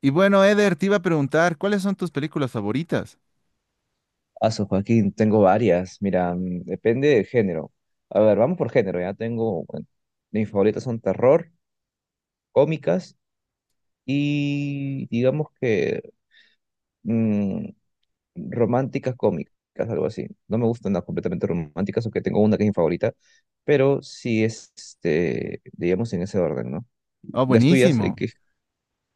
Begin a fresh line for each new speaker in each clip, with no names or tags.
Y bueno, Eder, te iba a preguntar, ¿cuáles son tus películas favoritas?
Aso, Joaquín, tengo varias. Mira, depende del género. A ver, vamos por género. Ya tengo, bueno, mis favoritas son terror, cómicas y digamos que mm, románticas cómicas, algo así. No me gustan las completamente románticas, aunque tengo una que es mi favorita, pero sí es, este, digamos, en ese orden, ¿no? ¿Y
Oh,
las tuyas? ¿En
buenísimo.
qué?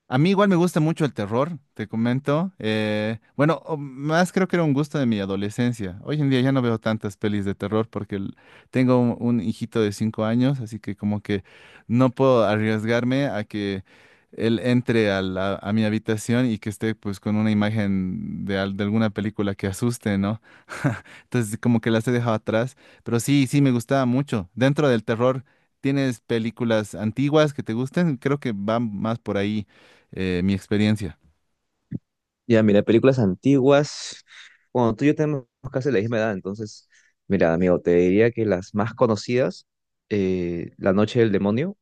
A mí igual me gusta mucho el terror, te comento. Bueno, o más creo que era un gusto de mi adolescencia. Hoy en día ya no veo tantas pelis de terror porque tengo un hijito de 5 años, así que como que no puedo arriesgarme a que él entre a mi habitación y que esté pues con una imagen de alguna película que asuste, ¿no? Entonces como que las he dejado atrás, pero sí, sí, me gustaba mucho. Dentro del terror, ¿tienes películas antiguas que te gusten? Creo que van más por ahí. Mi experiencia.
Ya, mira, películas antiguas. Bueno, tú y yo tenemos casi la misma edad, entonces, mira, amigo, te diría que las más conocidas, La Noche del Demonio,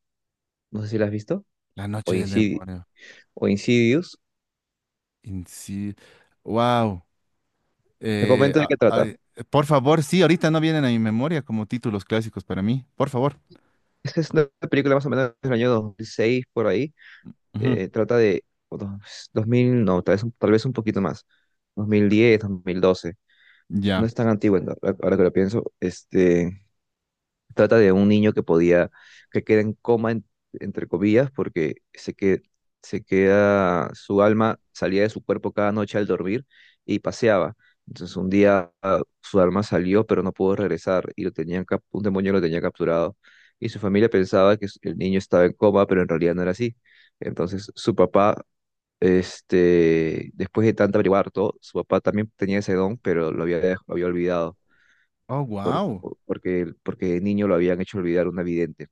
no sé si la has visto,
La
o
noche del demonio.
O Insidious.
Inci- Wow.
Te
Eh,
comento de
a-
qué
a-
trata.
por favor, sí, ahorita no vienen a mi memoria como títulos clásicos para mí. Por favor.
Esta es una película más o menos del año 2006 por ahí.
Ujú.
Trata de 2000, no, tal vez, tal vez un poquito más, 2010, dos mil doce. No
Ya.
es tan antigua, ahora que lo pienso. Este, trata de un niño que que queda en coma, entre comillas, porque se queda, su alma salía de su cuerpo cada noche al dormir y paseaba. Entonces un día ah, su alma salió, pero no pudo regresar y lo un demonio lo tenía capturado. Y su familia pensaba que el niño estaba en coma, pero en realidad no era así. Entonces su papá, este, después de tanto averiguar todo, su papá también tenía ese don, pero lo lo había olvidado
Oh,
por-
wow.
porque, porque de niño lo habían hecho olvidar una vidente.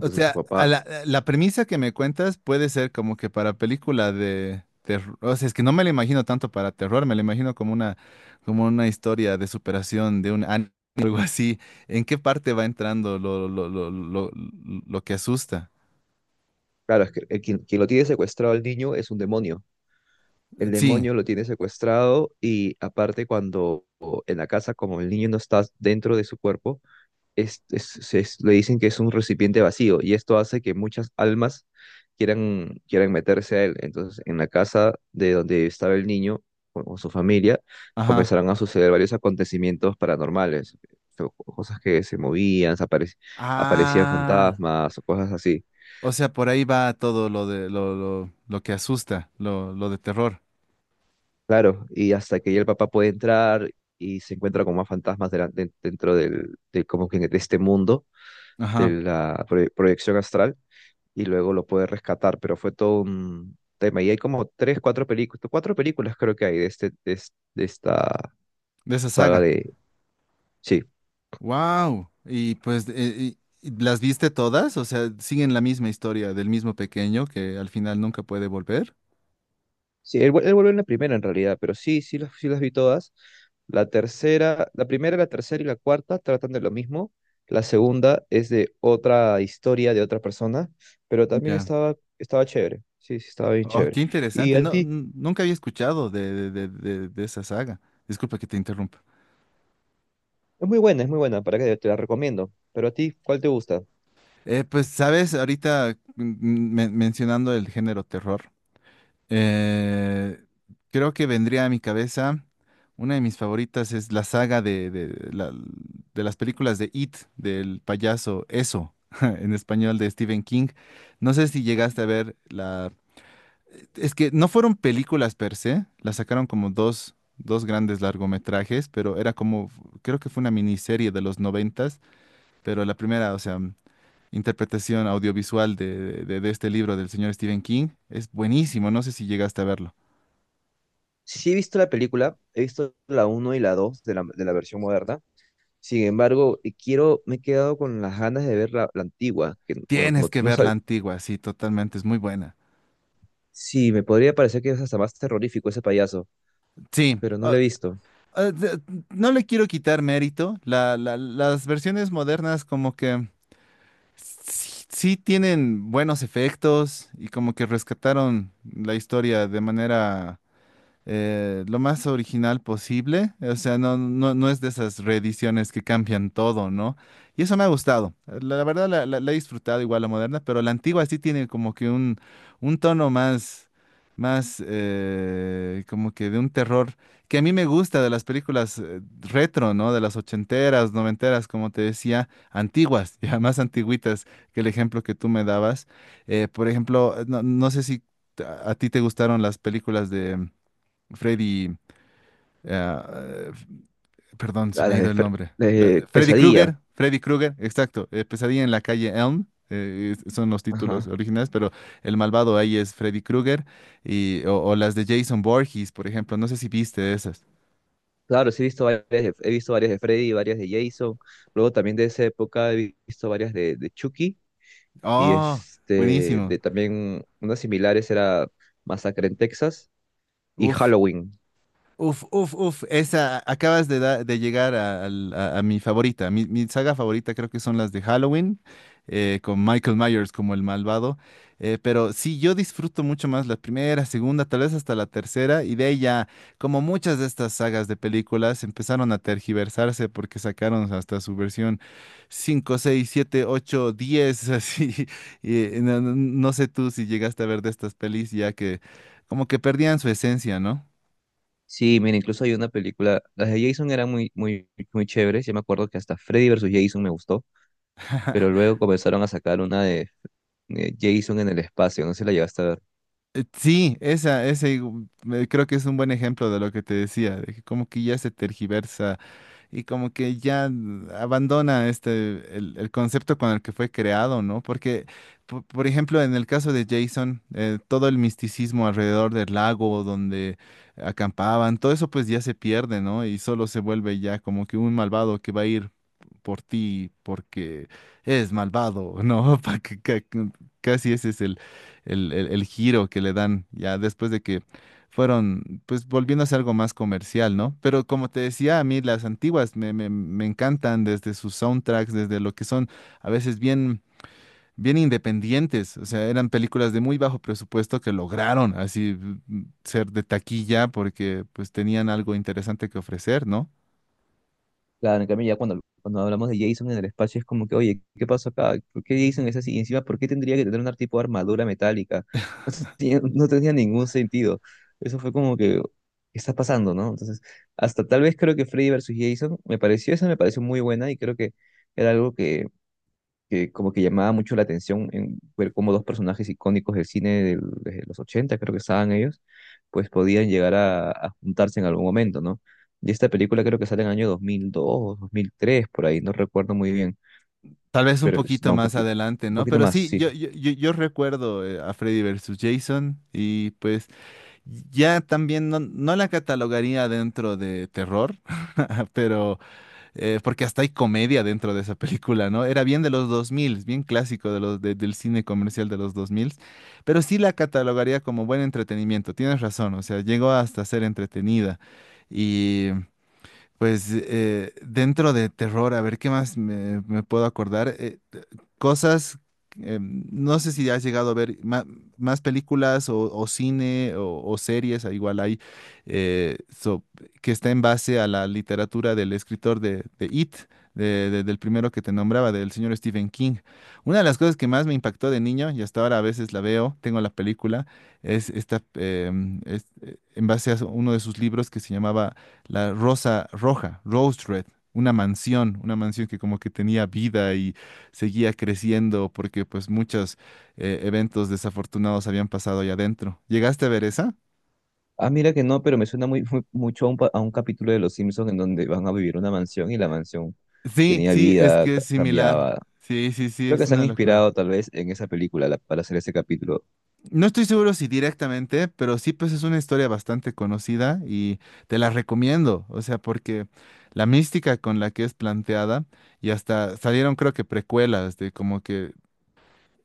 O
su
sea, a
papá,
la, a la premisa que me cuentas puede ser como que para película de terror. O sea, es que no me la imagino tanto para terror, me la imagino como una historia de superación de un anime, algo así. ¿En qué parte va entrando lo que asusta?
claro, es que quien lo tiene secuestrado al niño es un demonio. El
Sí,
demonio lo tiene secuestrado y aparte cuando en la casa, como el niño no está dentro de su cuerpo, le dicen que es un recipiente vacío y esto hace que muchas almas quieran meterse a él. Entonces, en la casa de donde estaba el niño o su familia,
ajá.
comenzaron a suceder varios acontecimientos paranormales, cosas que se movían, aparecían
Ah,
fantasmas o cosas así.
o sea, por ahí va todo lo de lo que asusta, lo de terror.
Claro, y hasta que ya el papá puede entrar y se encuentra con más fantasmas dentro del, de, como que de este mundo, de
Ajá,
la proyección astral y luego lo pude rescatar, pero fue todo un tema. Y hay como tres, cuatro películas creo que hay de, este, de esta
de esa
saga
saga.
de... Sí,
Wow. Y pues, ¿las viste todas? O sea, siguen la misma historia del mismo pequeño que al final nunca puede volver.
él vuelve en la primera en realidad, pero sí, sí las vi todas. La tercera, la primera, la tercera y la cuarta tratan de lo mismo. La segunda es de otra historia de otra persona, pero también
Ya.
estaba chévere. Sí, sí, estaba bien
Oh, qué
chévere. Y
interesante.
a
No,
ti,
nunca había escuchado de esa saga. Disculpa que te interrumpa.
es muy buena, para que te la recomiendo. Pero a ti, ¿cuál te gusta?
Pues, sabes, ahorita mencionando el género terror. Eh, creo que vendría a mi cabeza, una de mis favoritas es la saga de las películas de It, del payaso Eso, en español de Stephen King. No sé si llegaste a ver la... Es que no fueron películas per se, las sacaron como dos grandes largometrajes, pero era como, creo que fue una miniserie de los 90, pero la primera, o sea, interpretación audiovisual de este libro del señor Stephen King es buenísimo, no sé si llegaste a verlo.
Sí he visto la película, he visto la uno y la 2 de de la versión moderna. Sin embargo, me he quedado con las ganas de ver la antigua, que bueno, como
Tienes
tú
que
no
ver la
sabes,
antigua, sí, totalmente, es muy buena.
sí, me podría parecer que es hasta más terrorífico ese payaso,
Sí,
pero no lo he visto.
ah, de- no le quiero quitar mérito. Las versiones modernas como que sí, sí tienen buenos efectos y como que rescataron la historia de manera lo más original posible. O sea, no, no, no es de esas reediciones que cambian todo, ¿no? Y eso me ha gustado. La verdad la he disfrutado igual la moderna, pero la antigua sí tiene como que un tono más, más como que de un terror que a mí me gusta de las películas retro, ¿no? De las ochenteras, noventeras, como te decía, antiguas, ya más antigüitas que el ejemplo que tú me dabas. Por ejemplo, no, no sé si a ti te gustaron las películas de Freddy, eh, eh, perdón, se
A
me ha
las
ido
de,
el nombre.
De
Freddy
Pesadilla,
Krueger, Freddy Krueger, exacto. Pesadilla en la calle Elm, son los títulos
ajá.
originales, pero el malvado ahí es Freddy Krueger y o las de Jason Voorhees, por ejemplo. No sé si viste esas.
Claro, sí he visto varias, he visto varias de Freddy, varias de Jason. Luego también de esa época he visto varias de Chucky y
Oh,
este,
buenísimo.
de también unas similares era Masacre en Texas y
Uf,
Halloween.
uf, uf, uf, esa, acabas de llegar a mi favorita. Mi saga favorita creo que son las de Halloween, con Michael Myers como el malvado. Pero sí, yo disfruto mucho más la primera, segunda, tal vez hasta la tercera, y de ahí ya, como muchas de estas sagas de películas, empezaron a tergiversarse porque sacaron hasta su versión 5, 6, 7, 8, diez, así. Y no, no sé tú si llegaste a ver de estas pelis ya que como que perdían su esencia, ¿no?
Sí, mira, incluso hay una película, las de Jason eran muy, muy, muy chéveres, yo me acuerdo que hasta Freddy versus Jason me gustó, pero luego comenzaron a sacar una de Jason en el espacio, no sé si la llegaste a ver.
Sí, creo que es un buen ejemplo de lo que te decía, de que como que ya se tergiversa y como que ya abandona este el concepto con el que fue creado, ¿no? Porque, por ejemplo, en el caso de Jason, todo el misticismo alrededor del lago donde acampaban, todo eso pues ya se pierde, ¿no? Y solo se vuelve ya como que un malvado que va a ir por ti porque es malvado, ¿no? Casi ese es el giro que le dan ya después de que fueron, pues volviéndose algo más comercial, ¿no? Pero como te decía, a mí las antiguas me encantan desde sus soundtracks, desde lo que son a veces bien, bien independientes, o sea, eran películas de muy bajo presupuesto que lograron así ser de taquilla porque pues tenían algo interesante que ofrecer, ¿no?
Claro, en cambio ya cuando hablamos de Jason en el espacio es como que, oye, ¿qué pasó acá? ¿Por qué Jason es así? Y encima, ¿por qué tendría que tener un tipo de armadura metálica? No no tenía ningún sentido. Eso fue como que, ¿qué está pasando, no? Entonces, hasta tal vez creo que Freddy versus Jason, esa me pareció muy buena y creo que era algo que como que llamaba mucho la atención en ver cómo dos personajes icónicos del cine de los 80 creo que estaban ellos, pues podían llegar a juntarse en algún momento, ¿no? Y esta película creo que sale en el año 2002, 2003 por ahí, no recuerdo muy bien,
Tal vez un
pero
poquito
no,
más adelante,
un
¿no?
poquito
Pero
más,
sí,
sí.
yo recuerdo a Freddy versus Jason y pues ya también no la catalogaría dentro de terror, pero porque hasta hay comedia dentro de esa película, ¿no? Era bien de los 2000, bien clásico del cine comercial de los 2000. Pero sí la catalogaría como buen entretenimiento, tienes razón, o sea, llegó hasta ser entretenida. Pues dentro de terror, a ver qué más me puedo acordar. Cosas, no sé si has llegado a ver más películas o cine o series, igual hay, eh, so- que está en base a la literatura del escritor de It, del primero que te nombraba, del señor Stephen King. Una de las cosas que más me impactó de niño, y hasta ahora a veces la veo, tengo la película, es esta, en base a uno de sus libros que se llamaba la rosa roja, Rose Red, una mansión que como que tenía vida y seguía creciendo porque pues muchos eventos desafortunados habían pasado allá adentro. ¿Llegaste a ver esa?
Ah, mira que no, pero me suena muy, mucho a un, a un capítulo de Los Simpsons en donde van a vivir una mansión y la mansión
Sí,
tenía
sí, es
vida,
que es similar.
cambiaba.
Sí, sí, sí,
Creo que
es
se han
una locura.
inspirado tal vez en esa película para hacer ese capítulo.
No estoy seguro si directamente, pero sí, pues es una historia bastante conocida y te la recomiendo. O sea, porque la mística con la que es planteada y hasta salieron creo que precuelas de como que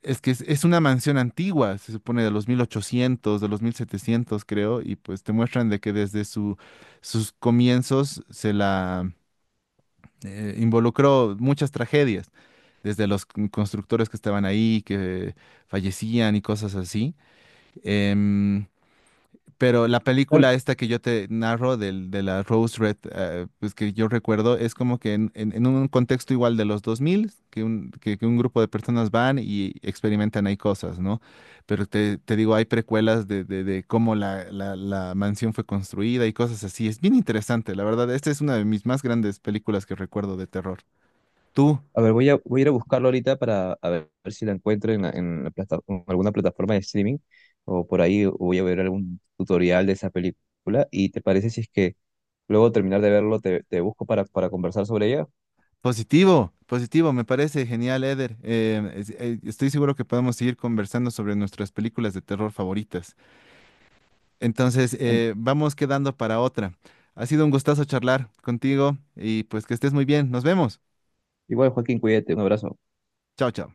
es que es una mansión antigua, se supone de los 1800, de los 1700 creo, y pues te muestran de que desde sus comienzos se la involucró muchas tragedias, desde los constructores que estaban ahí, que fallecían y cosas así. Em, pero la
Tal,
película esta que yo te narro de la Rose Red, pues que yo recuerdo, es como que en un contexto igual de los 2000, que un grupo de personas van y experimentan ahí cosas, ¿no? Pero te digo, hay precuelas de cómo la mansión fue construida y cosas así. Es bien interesante, la verdad. Esta es una de mis más grandes películas que recuerdo de terror. Tú,
a ver, voy a ir a buscarlo ahorita para a ver, ver si la encuentro en la plata- en alguna plataforma de streaming o por ahí voy a ver algún tutorial de esa película. ¿Y te parece si es que luego de terminar de verlo te busco para conversar sobre ella?
positivo, positivo, me parece genial, Eder. Estoy seguro que podemos seguir conversando sobre nuestras películas de terror favoritas. Entonces,
En-
vamos quedando para otra. Ha sido un gustazo charlar contigo y pues que estés muy bien. Nos vemos.
igual, Joaquín, cuídate, un abrazo.
Chao, chao.